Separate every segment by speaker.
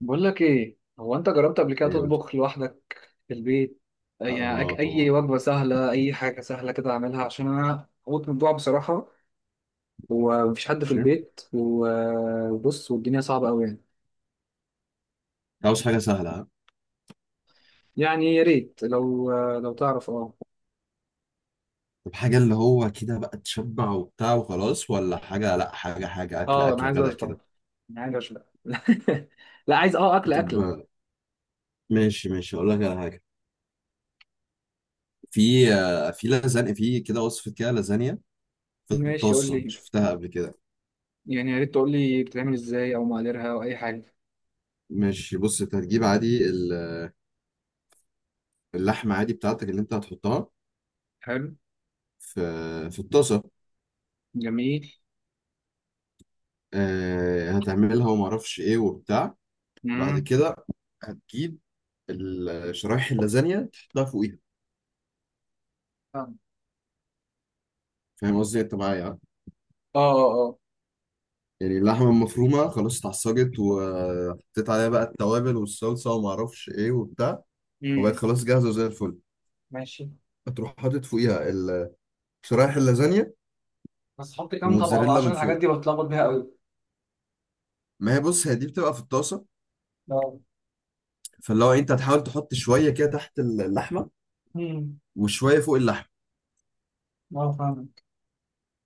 Speaker 1: بقول لك ايه، هو انت جربت قبل كده
Speaker 2: يقول لي.
Speaker 1: تطبخ لوحدك في البيت؟
Speaker 2: اه
Speaker 1: يعني
Speaker 2: آه،
Speaker 1: اي
Speaker 2: طبعا.
Speaker 1: وجبه سهله، اي حاجه سهله كده اعملها، عشان انا هموت من الجوع بصراحه. ومفيش حد في
Speaker 2: ماشي.
Speaker 1: البيت، وبص، والدنيا صعبه قوي يعني.
Speaker 2: عاوز حاجه سهله ها؟
Speaker 1: يعني يا ريت لو لو تعرف اه.
Speaker 2: طب، حاجه اللي هو كده بقى تشبع وبتاع وخلاص، ولا حاجه، لا حاجه حاجه، اكل
Speaker 1: اه انا
Speaker 2: اكل
Speaker 1: عايز
Speaker 2: غدا
Speaker 1: اشبع،
Speaker 2: كده.
Speaker 1: انا عايز اشبع لا عايز اكل اكله.
Speaker 2: طب، ماشي، ماشي، اقول لك على حاجه. في لازانيا، في كده وصفه كده لازانيا. في
Speaker 1: ماشي قول
Speaker 2: الطاسه،
Speaker 1: لي،
Speaker 2: شفتها قبل كده.
Speaker 1: يعني يا ريت تقول لي بتتعمل ازاي، او مقاديرها، او اي حاجه.
Speaker 2: ماشي، بص، انت هتجيب عادي اللحمه عادي بتاعتك اللي انت هتحطها
Speaker 1: حلو.
Speaker 2: في في الطاسه.
Speaker 1: جميل.
Speaker 2: هتعملها وما اعرفش ايه وبتاع بعد
Speaker 1: امم
Speaker 2: كده. هتجيب شرايح اللازانيا تحطها فوقيها.
Speaker 1: اه،
Speaker 2: فاهم قصدي انت معايا يعني؟
Speaker 1: اه، اه.
Speaker 2: يعني اللحمه المفرومه خلاص اتعصجت وحطيت عليها بقى التوابل والصلصه وما اعرفش ايه وبتاع، وبقت
Speaker 1: امم
Speaker 2: خلاص جاهزه زي الفل.
Speaker 1: ماشي.
Speaker 2: هتروح حاطط فوقيها شرايح اللازانيا
Speaker 1: بس حط كام طبقة بقى،
Speaker 2: وموتزاريلا
Speaker 1: عشان
Speaker 2: من
Speaker 1: الحاجات
Speaker 2: فوق.
Speaker 1: دي بتلخبط بيها قوي.
Speaker 2: ما هي بص، هي دي بتبقى في الطاسه،
Speaker 1: اه.
Speaker 2: فاللي هو انت هتحاول تحط شويه كده تحت اللحمه
Speaker 1: امم
Speaker 2: وشويه فوق اللحمه،
Speaker 1: اه فاهمك.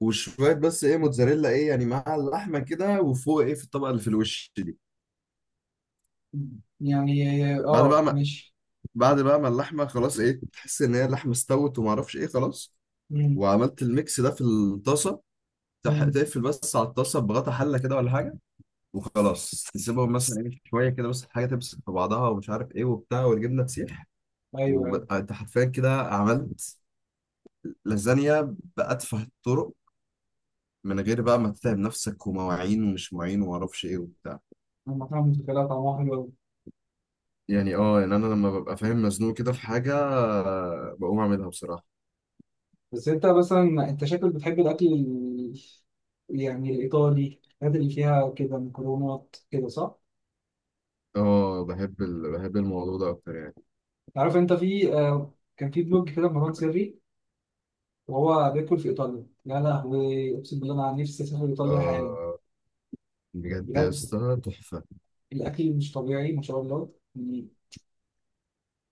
Speaker 2: وشويه بس ايه موتزاريلا ايه يعني مع اللحمه كده، وفوق ايه في الطبقه اللي في الوش دي.
Speaker 1: يعني
Speaker 2: بعد بقى
Speaker 1: اه
Speaker 2: ما
Speaker 1: ماشي.
Speaker 2: بعد بقى ما اللحمه خلاص ايه تحس ان هي اللحمه استوت وما اعرفش ايه خلاص،
Speaker 1: امم.
Speaker 2: وعملت الميكس ده في الطاسه،
Speaker 1: امم.
Speaker 2: تقفل بس على الطاسه بغطا حله كده ولا حاجه، وخلاص تسيبهم مثلا ايه شويه كده بس، الحاجه تمسك في بعضها ومش عارف ايه وبتاع، والجبنه تسيح،
Speaker 1: ايوه ايوه.
Speaker 2: وانت حرفيا كده عملت لازانيا بأتفه الطرق، من غير بقى ما تتعب نفسك ومواعين ومش مواعين ومعرفش ايه وبتاع.
Speaker 1: انا فاهم الفكره، طعمها حلو قوي.
Speaker 2: يعني يعني انا لما ببقى فاهم مزنوق كده في حاجه، بقوم اعملها بصراحه.
Speaker 1: بس انت مثلا، انت شكلك بتحب الاكل يعني الايطالي، الحاجات اللي فيها كده مكرونات كده، صح؟
Speaker 2: اه، بحب الموضوع ده اكتر يعني.
Speaker 1: عارف انت في آه، كان في بلوج كده مروان سري، وهو بياكل في ايطاليا. يا لهوي اقسم بالله انا نفسي اسافر ايطاليا حالا.
Speaker 2: اه، بجد يا
Speaker 1: بجد
Speaker 2: اسطى تحفه.
Speaker 1: الاكل مش طبيعي ما شاء الله يعني.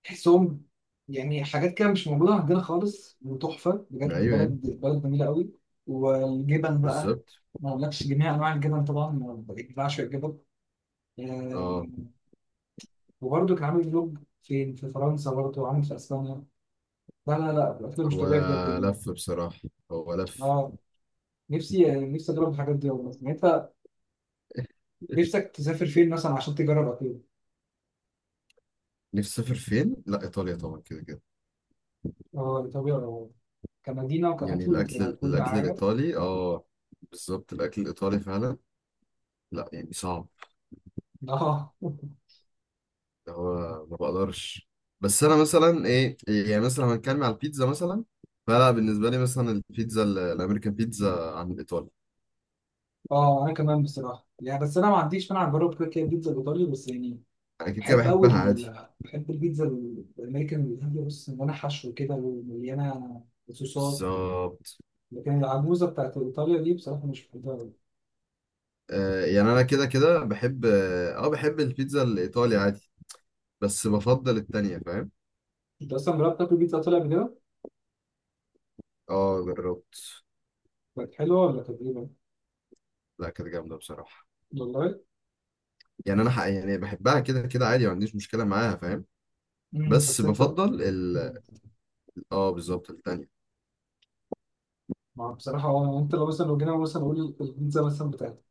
Speaker 1: تحسهم يعني حاجات كده مش موجودة عندنا خالص، وتحفة بجد.
Speaker 2: ايوه يعني.
Speaker 1: بلد بلد جميلة قوي. والجبن بقى،
Speaker 2: بالظبط.
Speaker 1: ما أقولكش. جميع أنواع الجبن طبعا، أنا بعشق الجبن. آه،
Speaker 2: اه،
Speaker 1: وبرضه كان عامل فلوج فين في فرنسا، برضه عامل في أسبانيا. لا لا لا الأكل مش
Speaker 2: هو
Speaker 1: طبيعي بجد يعني.
Speaker 2: لف بصراحة. هو لف.
Speaker 1: أه نفسي نفسي أجرب الحاجات دي والله. يعني أنت نفسك تسافر فين مثلا عشان تجرب أكل؟
Speaker 2: نفسي اسافر فين؟ لا، ايطاليا طبعا، كده كده.
Speaker 1: أه طبيعي. كمدينة
Speaker 2: يعني
Speaker 1: وكأكل
Speaker 2: الاكل
Speaker 1: وككل
Speaker 2: الاكل
Speaker 1: حاجة.
Speaker 2: الايطالي اه. بالظبط، الاكل الايطالي فعلا. لا يعني صعب،
Speaker 1: أه
Speaker 2: اللي هو ما بقدرش. بس انا مثلا ايه، يعني مثلا لو هنتكلم على البيتزا مثلا، فلا بالنسبة لي مثلا البيتزا الامريكان بيتزا عن الايطالي.
Speaker 1: اه انا كمان بصراحه يعني، بس انا ما عنديش مانع اجرب كده كده البيتزا الايطالي، بس يعني
Speaker 2: انا كده كده
Speaker 1: بحب قوي
Speaker 2: بحبها عادي.
Speaker 1: بحب البيتزا الامريكان الهندي، بص، مليانه حشو كده ومليانه صوصات.
Speaker 2: بالظبط.
Speaker 1: لكن العجوزه بتاعت ايطاليا دي بصراحه مش بحبها قوي.
Speaker 2: آه يعني انا كده كده بحب اه آه، بحب البيتزا الايطالي عادي، بس بفضل التانية فاهم.
Speaker 1: انت اصلا جربت تاكل بيتزا ايطالي قبل كده؟
Speaker 2: اه جربت.
Speaker 1: كانت حلوه ولا كانت ايه؟
Speaker 2: لا كانت جامدة بصراحة.
Speaker 1: والله.
Speaker 2: يعني أنا حق يعني بحبها كده كده عادي، ما عنديش مشكلة معاها فاهم. بس
Speaker 1: بس انت.
Speaker 2: بفضل ال
Speaker 1: مم.
Speaker 2: اه بالظبط التانية.
Speaker 1: ما بصراحه هو انت لو مثلا، لو جينا مثلا نقول البيتزا مثلا بتاعت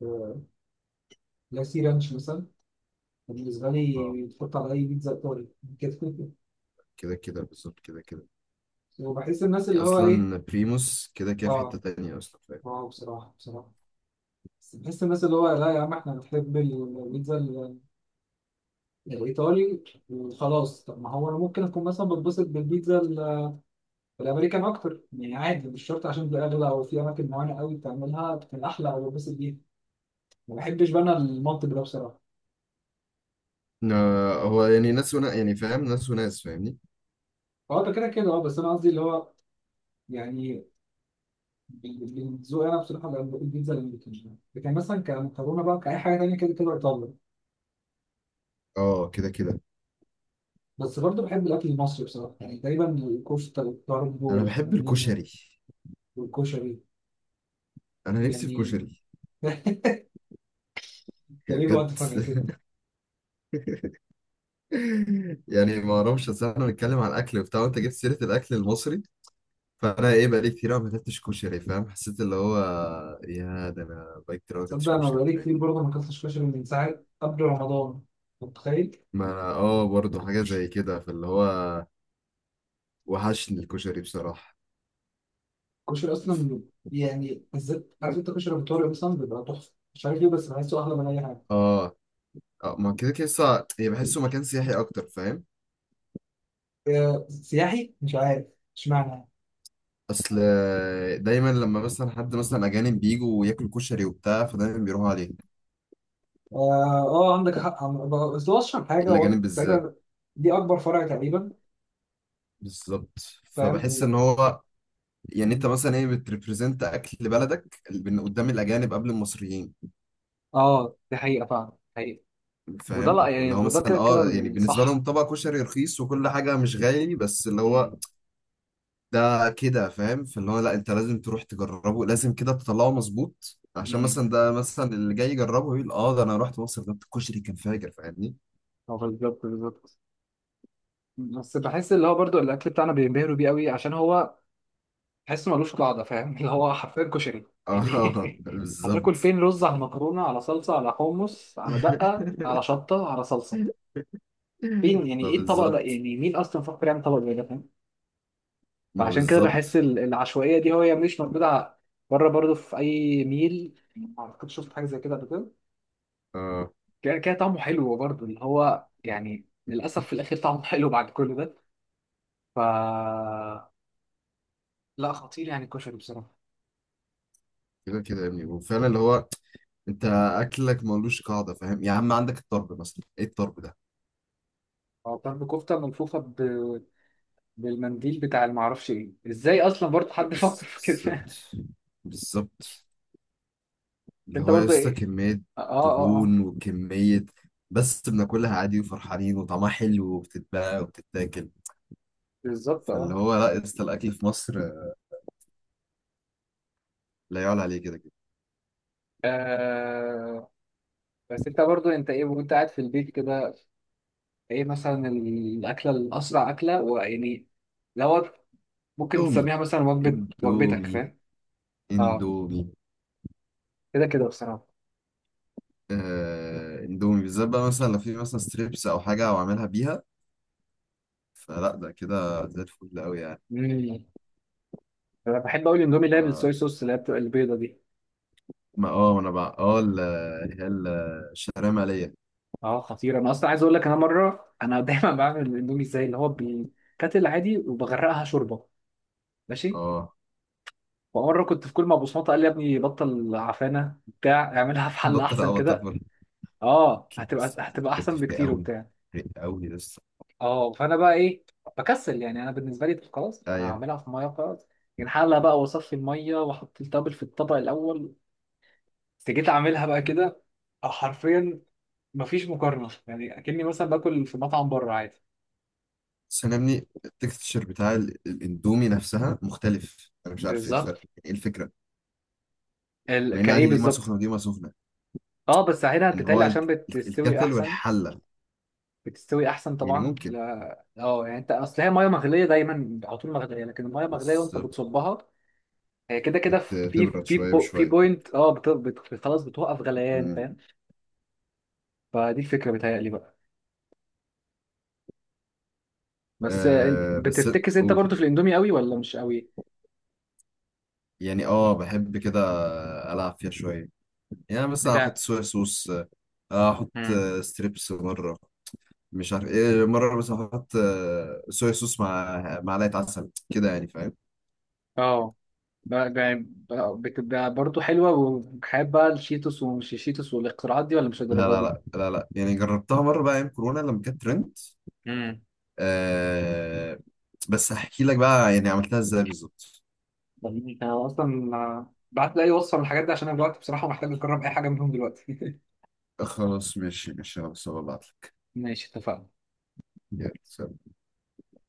Speaker 1: لاسي رانش مثلا، بالنسبه
Speaker 2: اه،
Speaker 1: لي تحط على اي بيتزا ايطالي كده
Speaker 2: كده كده بالظبط كده كده.
Speaker 1: وبحس الناس اللي
Speaker 2: يعني
Speaker 1: هو ايه،
Speaker 2: أصلا بريموس كده كده في حتة
Speaker 1: اه،
Speaker 2: تانية أصلا فاهم.
Speaker 1: واو بصراحة بصراحة. بس بحس الناس اللي هو لا يا عم احنا بنحب البيتزا الإيطالي وخلاص. طب ما هو أنا ممكن أكون مثلا بتبسط بالبيتزا الأمريكان أكتر يعني عادي. مش شرط عشان دي أغلى، أو في أماكن معينة قوي بتعملها بتكون أحلى، أو بتبسط بيها. ما بحبش بقى أنا المنطق ده بصراحة.
Speaker 2: هو يعني ناس ونا يعني فاهم ناس وناس فاهمني.
Speaker 1: هو ده كده كده أه. بس أنا قصدي اللي هو يعني ذوقي أنا بصراحة بقى بقول البيتزا الأمريكان، لكن مثلا كمكرونة بقى، كأي حاجة تانية كده كده إيطالي.
Speaker 2: اه كده كده.
Speaker 1: بس برضه بحب الأكل المصري بصراحة. يعني تقريبا الكفتة والطرب
Speaker 2: أنا بحب
Speaker 1: والحمام،
Speaker 2: الكشري.
Speaker 1: والكشري
Speaker 2: أنا نفسي في
Speaker 1: يعني
Speaker 2: كشري.
Speaker 1: ده
Speaker 2: يعني
Speaker 1: ليه
Speaker 2: بجد.
Speaker 1: جوعت فجأة كده؟
Speaker 2: يعني ما اعرفش، اصل احنا بنتكلم عن الاكل وبتاع وانت جبت سيره الاكل المصري، فانا ايه بقالي كتير قوي ما اكلتش كشري فاهم، حسيت اللي هو، يا ده انا بقالي كتير قوي ما اكلتش
Speaker 1: تصدق أنا
Speaker 2: كشري
Speaker 1: بقالي كتير
Speaker 2: فاهمني.
Speaker 1: برضه ما أكلتش كشري من ساعة قبل رمضان؟ أنت متخيل؟
Speaker 2: ما أنا برضه حاجه زي كده فاللي هو وحشني الكشري بصراحه.
Speaker 1: الكشري أصلا يعني بالذات، عارف أنت كشري أبو طارق مثلا بيبقى تحفة، مش عارف ليه، بس بحسه أحلى من أي حاجة.
Speaker 2: اه، اه، ما كده كده هي بحسه مكان سياحي اكتر فاهم.
Speaker 1: آه، سياحي مش عارف، اشمعنى؟
Speaker 2: اصل دايما لما مثلا حد مثلا اجانب بيجوا وياكلوا كشري وبتاع، فدايما بيروحوا عليه.
Speaker 1: آه, آه عندك حق. بس هو أشهر حاجة هو
Speaker 2: الاجانب بالذات.
Speaker 1: تقريبا، دي أكبر فرع تقريبا.
Speaker 2: بالظبط.
Speaker 1: فاهم
Speaker 2: فبحس ان هو، يعني انت
Speaker 1: مم.
Speaker 2: مثلا ايه بتريبريزنت اكل بلدك قدام الاجانب قبل المصريين.
Speaker 1: اه دي حقيقة فعلا، حقيقة. وده
Speaker 2: فاهم
Speaker 1: لا يعني،
Speaker 2: اللي هو
Speaker 1: ده
Speaker 2: مثلا
Speaker 1: كده كده
Speaker 2: يعني بالنسبه لهم
Speaker 1: الصح.
Speaker 2: طبق كشري رخيص وكل حاجه مش غالي، بس اللي هو
Speaker 1: امم.
Speaker 2: ده كده فاهم، فاللي هو لا، انت لازم تروح تجربه، لازم كده تطلعه مظبوط، عشان
Speaker 1: امم.
Speaker 2: مثلا ده مثلا اللي جاي يجربه يقول اه ده انا رحت مصر، ده الكشري كان فاجر فاهمني.
Speaker 1: هو بالظبط بالظبط. بس بحس اللي هو برضو الاكل بتاعنا بينبهروا بيه قوي عشان هو، تحس ملوش قاعده، فاهم اللي هو حرفيا كشري
Speaker 2: اه
Speaker 1: يعني هتاكل
Speaker 2: بالظبط.
Speaker 1: فين رز على مكرونه على صلصه على حمص على دقه على شطه على صلصه؟ فين يعني؟
Speaker 2: ما
Speaker 1: ايه الطبق ده
Speaker 2: بالظبط،
Speaker 1: يعني؟ مين اصلا فكر يعمل طبق زي ده، فاهم؟
Speaker 2: ما
Speaker 1: فعشان كده بحس
Speaker 2: بالظبط.
Speaker 1: العشوائيه دي، هي مش موجوده بره برضو. في اي ميل ما اعتقدش شفت حاجه زي كده قبل كده.
Speaker 2: اه
Speaker 1: كده كده طعمه حلو برضو، اللي هو يعني للاسف في الاخر طعمه حلو بعد كل ده. ف لا خطير يعني الكشري بصراحه.
Speaker 2: كده كده يا ابني، وفعلا اللي هو انت اكلك ملوش قاعده فاهم، يا عم عندك الطرب مثلا، ايه الطرب ده.
Speaker 1: هو طرب كفتة ملفوفة ب... بالمنديل بتاع، المعرفش ايه ازاي اصلا برضه حد فكر
Speaker 2: بس-
Speaker 1: في كده
Speaker 2: بالظبط، بالظبط، اللي
Speaker 1: انت
Speaker 2: هو
Speaker 1: برضه
Speaker 2: لسه
Speaker 1: ايه،
Speaker 2: كمية
Speaker 1: اه اه اه اه.
Speaker 2: دهون وكمية، بس بناكلها عادي وفرحانين وطعمها حلو وبتتباع وبتتاكل.
Speaker 1: بالظبط
Speaker 2: فاللي
Speaker 1: اه.
Speaker 2: هو لا يا اسطى، الأكل في مصر لا يعلى عليه كده كده.
Speaker 1: آه، بس انت برضو انت ايه وانت قاعد في البيت كده، ايه مثلا الاكله الاسرع، اكله ويعني لو ممكن
Speaker 2: اندومي،
Speaker 1: تسميها مثلا وجبه، وجبتك
Speaker 2: اندومي،
Speaker 1: فاهم. اه
Speaker 2: اندومي.
Speaker 1: كده كده بصراحه.
Speaker 2: اندومي بالذات بقى مثلا لو في مثلا ستريبس أو حاجة أو أعملها بيها، فلا ده كده زي الفل أوي يعني.
Speaker 1: مم. انا بحب اقول اندومي، اللي هي بالصويا
Speaker 2: ف-
Speaker 1: صوص، اللي هي بتبقى البيضه دي.
Speaker 2: ما أنا بقى اللي هي الشعرية مالية.
Speaker 1: اه خطير، انا اصلا عايز اقول لك، انا مره انا دايما بعمل الاندومي ازاي، اللي هو بيتكتل عادي وبغرقها شوربه ماشي.
Speaker 2: اه
Speaker 1: ومره كنت في، كل ما بصمته قال لي يا ابني بطل عفانه بتاع، اعملها في حله
Speaker 2: بطل
Speaker 1: احسن
Speaker 2: اه بطل
Speaker 1: كده.
Speaker 2: فرق.
Speaker 1: اه هتبقى،
Speaker 2: يس،
Speaker 1: هتبقى
Speaker 2: فرقت
Speaker 1: احسن
Speaker 2: في
Speaker 1: بكتير
Speaker 2: أوي.
Speaker 1: وبتاع.
Speaker 2: فرقت أوي لسه.
Speaker 1: اه فانا بقى ايه، بكسل يعني. انا بالنسبه لي طب خلاص هعملها في ميه خلاص يعني، حله بقى واصفي الميه واحط التابل في الطبق الاول. بس جيت اعملها بقى كده، حرفيا مفيش مقارنه، يعني اكني مثلا باكل في مطعم بره عادي.
Speaker 2: بس انا يا ابني التكستشر بتاع الاندومي نفسها مختلف، انا مش عارف ايه
Speaker 1: بالظبط.
Speaker 2: الفرق ايه الفكره،
Speaker 1: ال...
Speaker 2: مع ان
Speaker 1: كايه
Speaker 2: عادي دي ميه سخنه
Speaker 1: بالظبط.
Speaker 2: ودي ميه سخنه.
Speaker 1: اه بس هنا
Speaker 2: ان هو
Speaker 1: بتتقلي
Speaker 2: انت
Speaker 1: عشان بتستوي
Speaker 2: الكتل
Speaker 1: احسن.
Speaker 2: والحله،
Speaker 1: بتستوي احسن
Speaker 2: يعني
Speaker 1: طبعا،
Speaker 2: ممكن
Speaker 1: لا اه يعني انت، اصل هي ميه مغليه دايما، على طول مغليه، لكن الميه مغليه
Speaker 2: بس
Speaker 1: وانت بتصبها، كده كده في
Speaker 2: بتبرد شويه
Speaker 1: بو... في
Speaker 2: بشويه.
Speaker 1: بوينت اه خلاص بتوقف غليان،
Speaker 2: مم.
Speaker 1: فاهم. فدي الفكره بتهيألي بقى. بس
Speaker 2: بس
Speaker 1: بتفتكس انت
Speaker 2: قول.
Speaker 1: برضو في الاندومي قوي ولا مش قوي؟
Speaker 2: يعني بحب كده العب فيها شويه، يعني بس احط
Speaker 1: بتاع.
Speaker 2: صويا صوص. احط
Speaker 1: مم.
Speaker 2: ستريبس مره، مش عارف ايه مره، بس احط صويا صوص مع معلقه عسل كده يعني فاهم.
Speaker 1: اه بتبقى برضو حلوه، وحابه الشيتوس ومش الشيتوس والاختراعات دي، ولا مش
Speaker 2: لا، لا،
Speaker 1: الدرجه
Speaker 2: لا، لا، لا، يعني جربتها مرة بقى أيام كورونا لما كانت ترند.
Speaker 1: دي؟
Speaker 2: آه بس هحكي لك بقى يعني عملتها ازاي بالظبط.
Speaker 1: جميل. انا اصلا بعت لي اي وصفه من الحاجات دي، عشان انا دلوقتي بصراحه محتاج اجرب اي حاجه منهم دلوقتي
Speaker 2: خلاص، ماشي، ماشي، خلاص هبعت لك.
Speaker 1: ماشي اتفقنا.
Speaker 2: يلا سلام.